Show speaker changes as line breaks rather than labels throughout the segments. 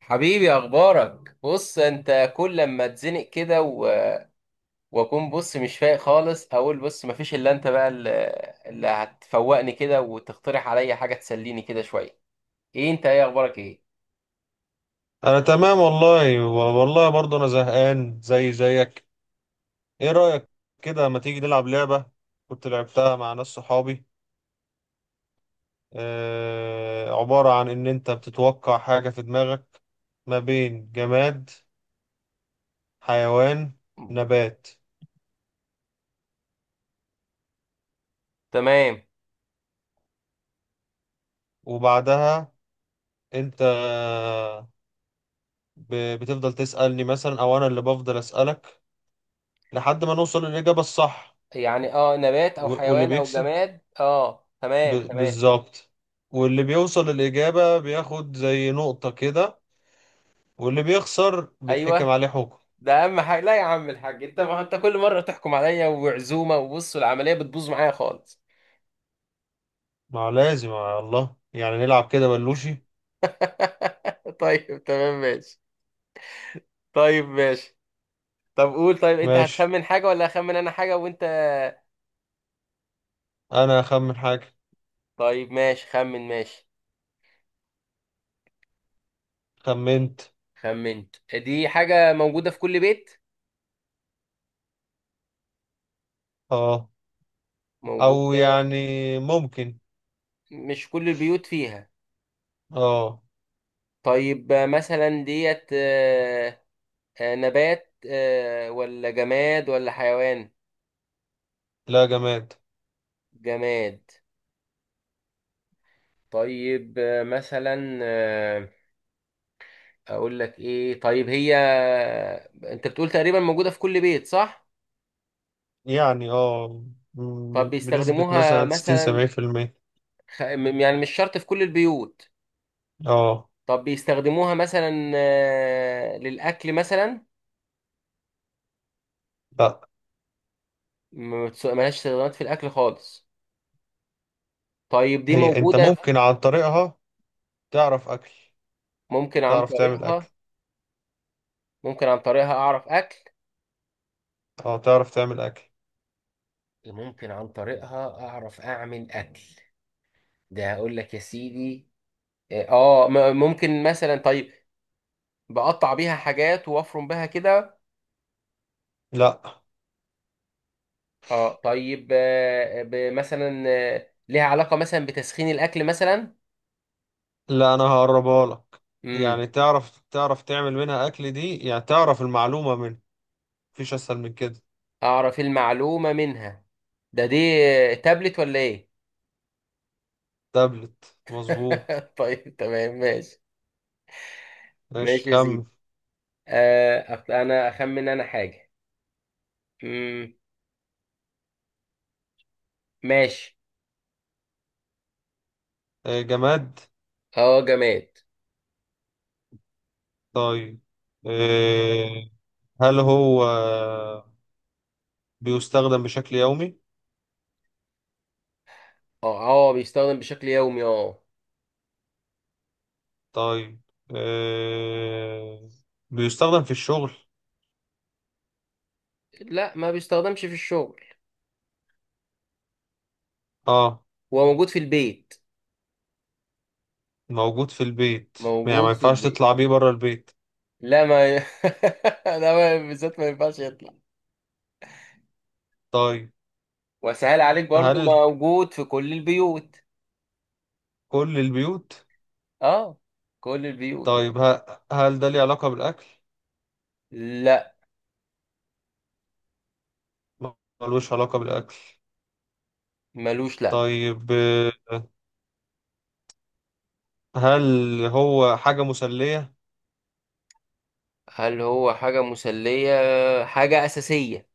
حبيبي، اخبارك؟ بص، انت كل لما اتزنق كده واكون بص مش فايق خالص، اقول بص مفيش الا انت بقى اللي هتفوقني كده وتقترح عليا حاجه تسليني كده شويه. ايه انت، ايه اخبارك، ايه؟
انا تمام. والله برضه انا زهقان زي زيك. ايه رأيك كده؟ ما تيجي نلعب لعبة كنت لعبتها مع ناس صحابي. آه، عبارة عن ان انت بتتوقع حاجة في دماغك ما بين جماد، حيوان، نبات.
تمام.
وبعدها انت بتفضل تسألني مثلا او انا اللي بفضل اسألك لحد ما نوصل للإجابة الصح.
يعني اه، نبات او
واللي
حيوان او
بيكسب
جماد. اه، تمام
ب...
تمام.
بالظبط، واللي بيوصل الإجابة بياخد زي نقطة كده، واللي بيخسر بيتحكم
ايوه.
عليه حكم.
ده اهم حاجه. لا يا عم الحاج، انت ما انت كل مره تحكم عليا وعزومه، وبص العمليه بتبوظ معايا خالص.
ما لازم على الله، يعني نلعب كده بلوشي.
طيب تمام ماشي. طيب ماشي. طب قول، طيب انت
ماشي.
هتخمن حاجة ولا اخمن انا حاجة وانت؟
أنا أخمن حاجة.
طيب ماشي، خمن. ماشي.
خمنت.
خمنت؟ دي حاجة موجودة في كل بيت.
اه، أو
موجودة.
يعني ممكن.
مش كل البيوت فيها.
اه.
طيب مثلا ديت. نبات ولا جماد ولا حيوان؟
لا، جماد.
جماد. طيب آه، مثلا آه، اقول لك ايه طيب، هي انت بتقول تقريبا موجودة في كل بيت، صح؟
يعني اه،
طب
بنسبة
بيستخدموها
مثلا ستين
مثلا،
سبعين في المية
يعني مش شرط في كل البيوت.
اه.
طب بيستخدموها مثلا للأكل مثلا؟
لا،
ما بتس- ملهاش استخدامات في الأكل خالص. طيب دي
هي انت
موجودة.
ممكن عن طريقها تعرف أكل،
ممكن عن
تعرف تعمل
طريقها.
أكل.
ممكن عن طريقها أعرف أكل.
اه، تعرف تعمل أكل.
ممكن عن طريقها أعرف أعمل أكل. ده هقول لك يا سيدي. اه، ممكن مثلا طيب، بقطع بيها حاجات وافرم بها كده.
لا.
اه طيب، آه، ب- مثلا آه، ليها علاقة مثلا بتسخين الأكل مثلا؟
لا، انا هقربها لك.
امم
يعني تعرف تعمل منها اكل، دي يعني تعرف المعلومة منها. مفيش اسهل من كده.
أعرف المعلومة منها. دي تابلت ولا إيه؟
تابلت، مظبوط.
طيب تمام ماشي.
ماشي
ماشي يا سيدي. انا اخمن انا حاجه. مم. ماشي.
آه، جماد.
اه جماد.
طيب، آه، هل هو بيستخدم بشكل يومي؟
اه اه، بيستخدم بشكل يومي اه.
طيب، آه، بيستخدم في الشغل؟
لا ما بيستخدمش في الشغل.
اه.
هو موجود في البيت.
موجود في البيت. يعني ما
موجود في
ينفعش
البيت.
تطلع بيه بره البيت؟
لا ما ي... لا، ما بالذات ما ينفعش يطلع.
طيب،
وسهل عليك برضو،
هل
موجود في كل البيوت.
كل البيوت؟
اه، كل البيوت.
طيب، هل ده ليه علاقة بالأكل؟
لا.
ملوش علاقة بالأكل.
ملوش، لا.
طيب، هل هو حاجة مسلية؟
هل هو حاجة مسلية؟ حاجة أساسية.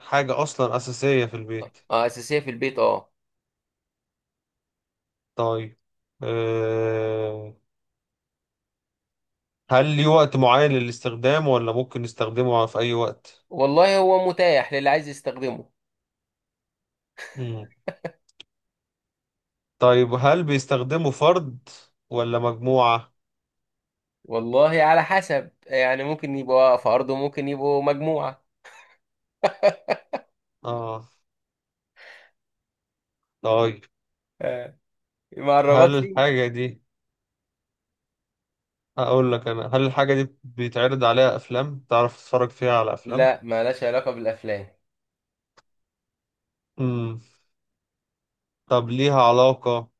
حاجة أصلا أساسية في
طيب،
البيت.
اه أساسية في البيت اه.
طيب، آه، هل ليه وقت معين للاستخدام ولا ممكن نستخدمه في أي وقت؟
والله هو متاح للي عايز يستخدمه.
مم. طيب، هل بيستخدمه فرد ولا مجموعة؟
والله على حسب، يعني ممكن يبقوا فرد وممكن يبقوا مجموعة.
آه. طيب،
آه، مع الرباط
هل
فيه.
الحاجة دي، أقول لك أنا، هل الحاجة دي بيتعرض عليها أفلام؟ تعرف تتفرج فيها على أفلام؟
لا مالهاش علاقة بالأفلام.
مم. طب ليها علاقة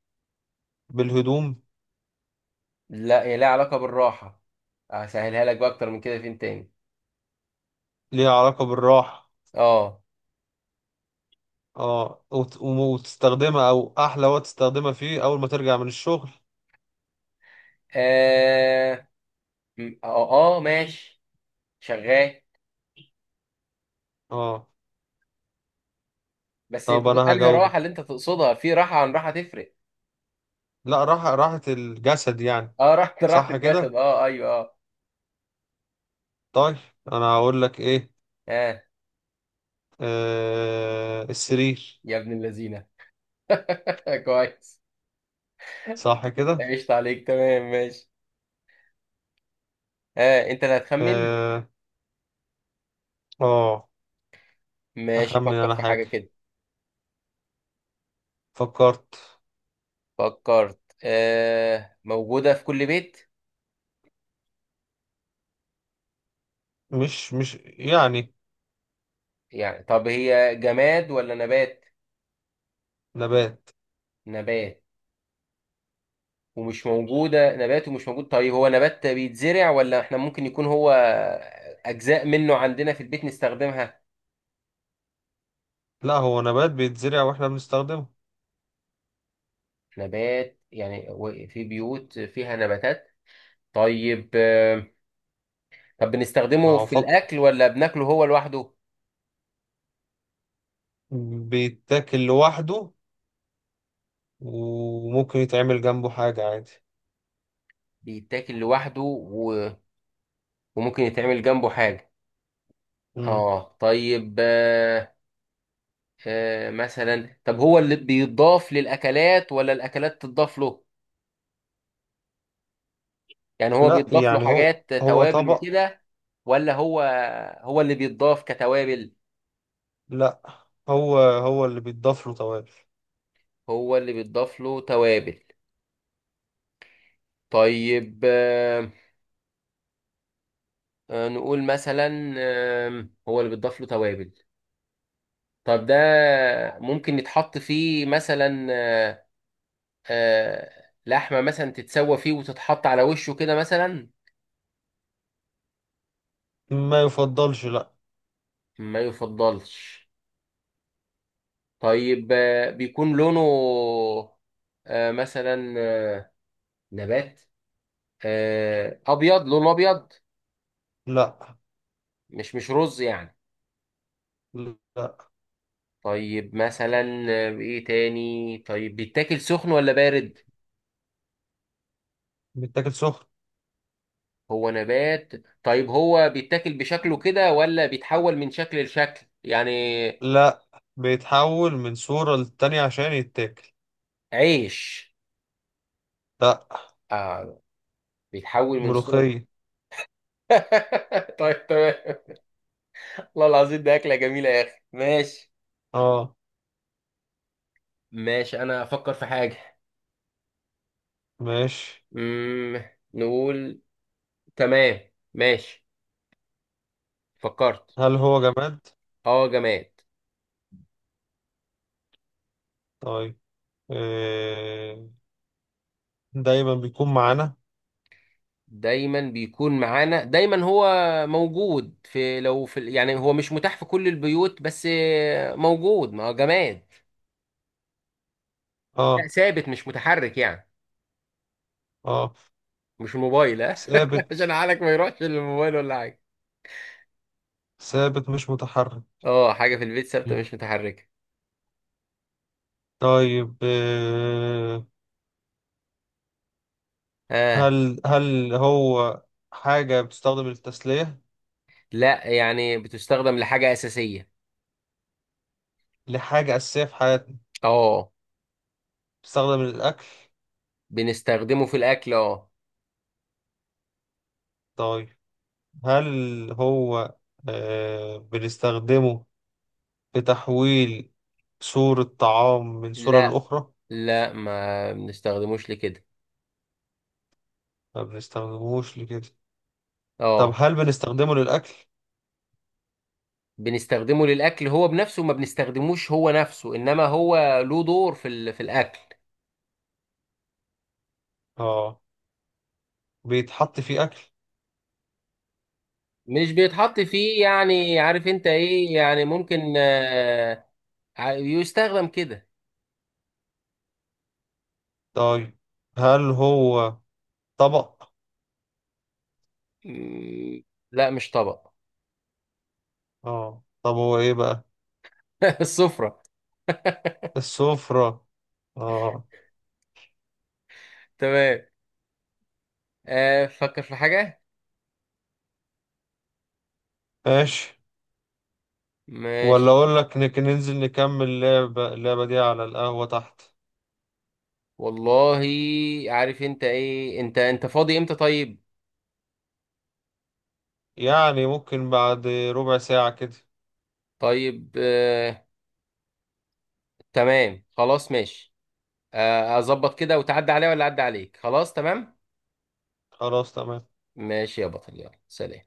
بالهدوم؟
لا، هي لها علاقة بالراحة. هسهلها لك بقى أكتر من كده فين تاني.
ليها علاقة بالراحة.
اه.
اه وتستخدمها، او احلى وقت تستخدمها فيه اول ما ترجع من الشغل.
اه ماشي شغال.
اه.
بس انت
طب
بقى
انا
انهي راحة اللي
هجاوبك.
انت تقصدها، في راحة عن راحة تفرق.
لا، راحة راحة الجسد يعني.
اه راحة، راحة
صح
الجسد،
كده.
اه ايوه اه.
طيب، انا هقول لك ايه.
اه
آه، السرير.
يا ابن اللذينة. كويس،
صح كده.
عشت عليك، تمام ماشي. آه انت اللي هتخمن.
اه، آه.
ماشي،
اخمن
فكر
انا
في
حاجة.
حاجة كده.
فكرت.
فكرت؟ آه، موجودة في كل بيت.
مش يعني.
يعني طب هي جماد ولا نبات؟
نبات.
نبات. ومش موجودة. نبات ومش موجود. طيب هو نبات بيتزرع، ولا احنا ممكن يكون هو أجزاء منه عندنا في البيت نستخدمها؟
لا، هو نبات بيتزرع واحنا بنستخدمه.
نبات يعني، في بيوت فيها نباتات. طيب آه. طب
ما
بنستخدمه
هو
في
فكر.
الأكل ولا بناكله هو لوحده؟
بيتاكل لوحده، وممكن يتعمل جنبه حاجة عادي.
بيتاكل لوحده، وممكن يتعمل جنبه حاجة.
مم.
اه طيب آه. آه مثلا، طب هو اللي بيضاف للاكلات ولا الاكلات تضاف له؟ يعني هو
لا
بيضاف له
يعني هو،
حاجات
هو
توابل
طبق.
وكده، ولا هو، هو اللي بيضاف كتوابل؟
لا، هو هو اللي بيتضاف له توابل.
هو اللي بيضاف له توابل. طيب آه. نقول مثلا آه، هو اللي بيضاف له توابل. طب ده ممكن يتحط فيه مثلا آه، آه لحمة مثلا، تتسوى فيه وتتحط على وشه كده مثلا؟
ما يفضلش، لا.
ما يفضلش. طيب، بيكون لونه آه، مثلا آه، نبات، ابيض، لونه ابيض.
لا.
مش رز يعني؟
لا،
طيب مثلا ايه تاني، طيب بيتاكل سخن ولا بارد؟
بيتاكل سخن.
هو نبات. طيب هو بيتاكل بشكله كده، ولا بيتحول من شكل لشكل يعني؟
لا، بيتحول من صورة للتانية عشان يتاكل.
عيش؟
لا،
اه، بيتحول من صورة.
ملوخية.
طيب تمام. والله العظيم ده أكلة جميلة يا أخي، ماشي.
اه.
ماشي، أنا أفكر في حاجة.
ماشي.
مم. نقول. تمام ماشي. فكرت.
هل هو جماد؟
اه جماد.
طيب، إيه، دايما بيكون معانا.
دايما بيكون معانا. دايما هو موجود لو في يعني هو مش متاح في كل البيوت، بس موجود، ما هو جماد. لا
اه.
ثابت، مش متحرك يعني.
اه.
مش الموبايل، ها.
ثابت.
عشان عقلك ما يروحش للموبايل ولا حاجه.
ثابت، مش متحرك.
اه، حاجه في البيت ثابته
مم.
مش متحركه.
طيب، إيه،
اه
هل هو حاجة بتستخدم للتسلية؟
لا، يعني بتستخدم لحاجه اساسيه.
لحاجة أساسية في حياتنا.
اه.
بتستخدم للأكل.
بنستخدمه في الاكل اه.
طيب، هل هو، آه، بنستخدمه في تحويل صورة طعام من صورة
لا.
لأخرى؟
لا، ما بنستخدموش لكده.
ما بنستخدموش لكده. طب
اه.
هل بنستخدمه للأكل؟
بنستخدمه للاكل، هو بنفسه ما بنستخدموش، هو نفسه، انما هو له دور في الاكل.
اه. بيتحط فيه أكل.
مش بيتحط فيه، يعني عارف انت ايه، يعني ممكن يستخدم كده.
طيب، هل هو طبق؟
مم، لا مش طبق.
اه، طب هو إيه بقى؟
السفرة.
السفرة. اه.
تمام. فكر في حاجة.
ماشي. ولا
ماشي.
اقول لك ننزل نكمل اللعبة، دي على القهوة تحت؟
والله، عارف انت ايه، انت فاضي امتى طيب؟
يعني ممكن بعد ربع ساعة كده.
طيب تمام خلاص ماشي. اظبط كده وتعدي عليا ولا اعدي عليك؟ خلاص تمام.
خلاص، تمام.
ماشي يا بطل، يلا سلام.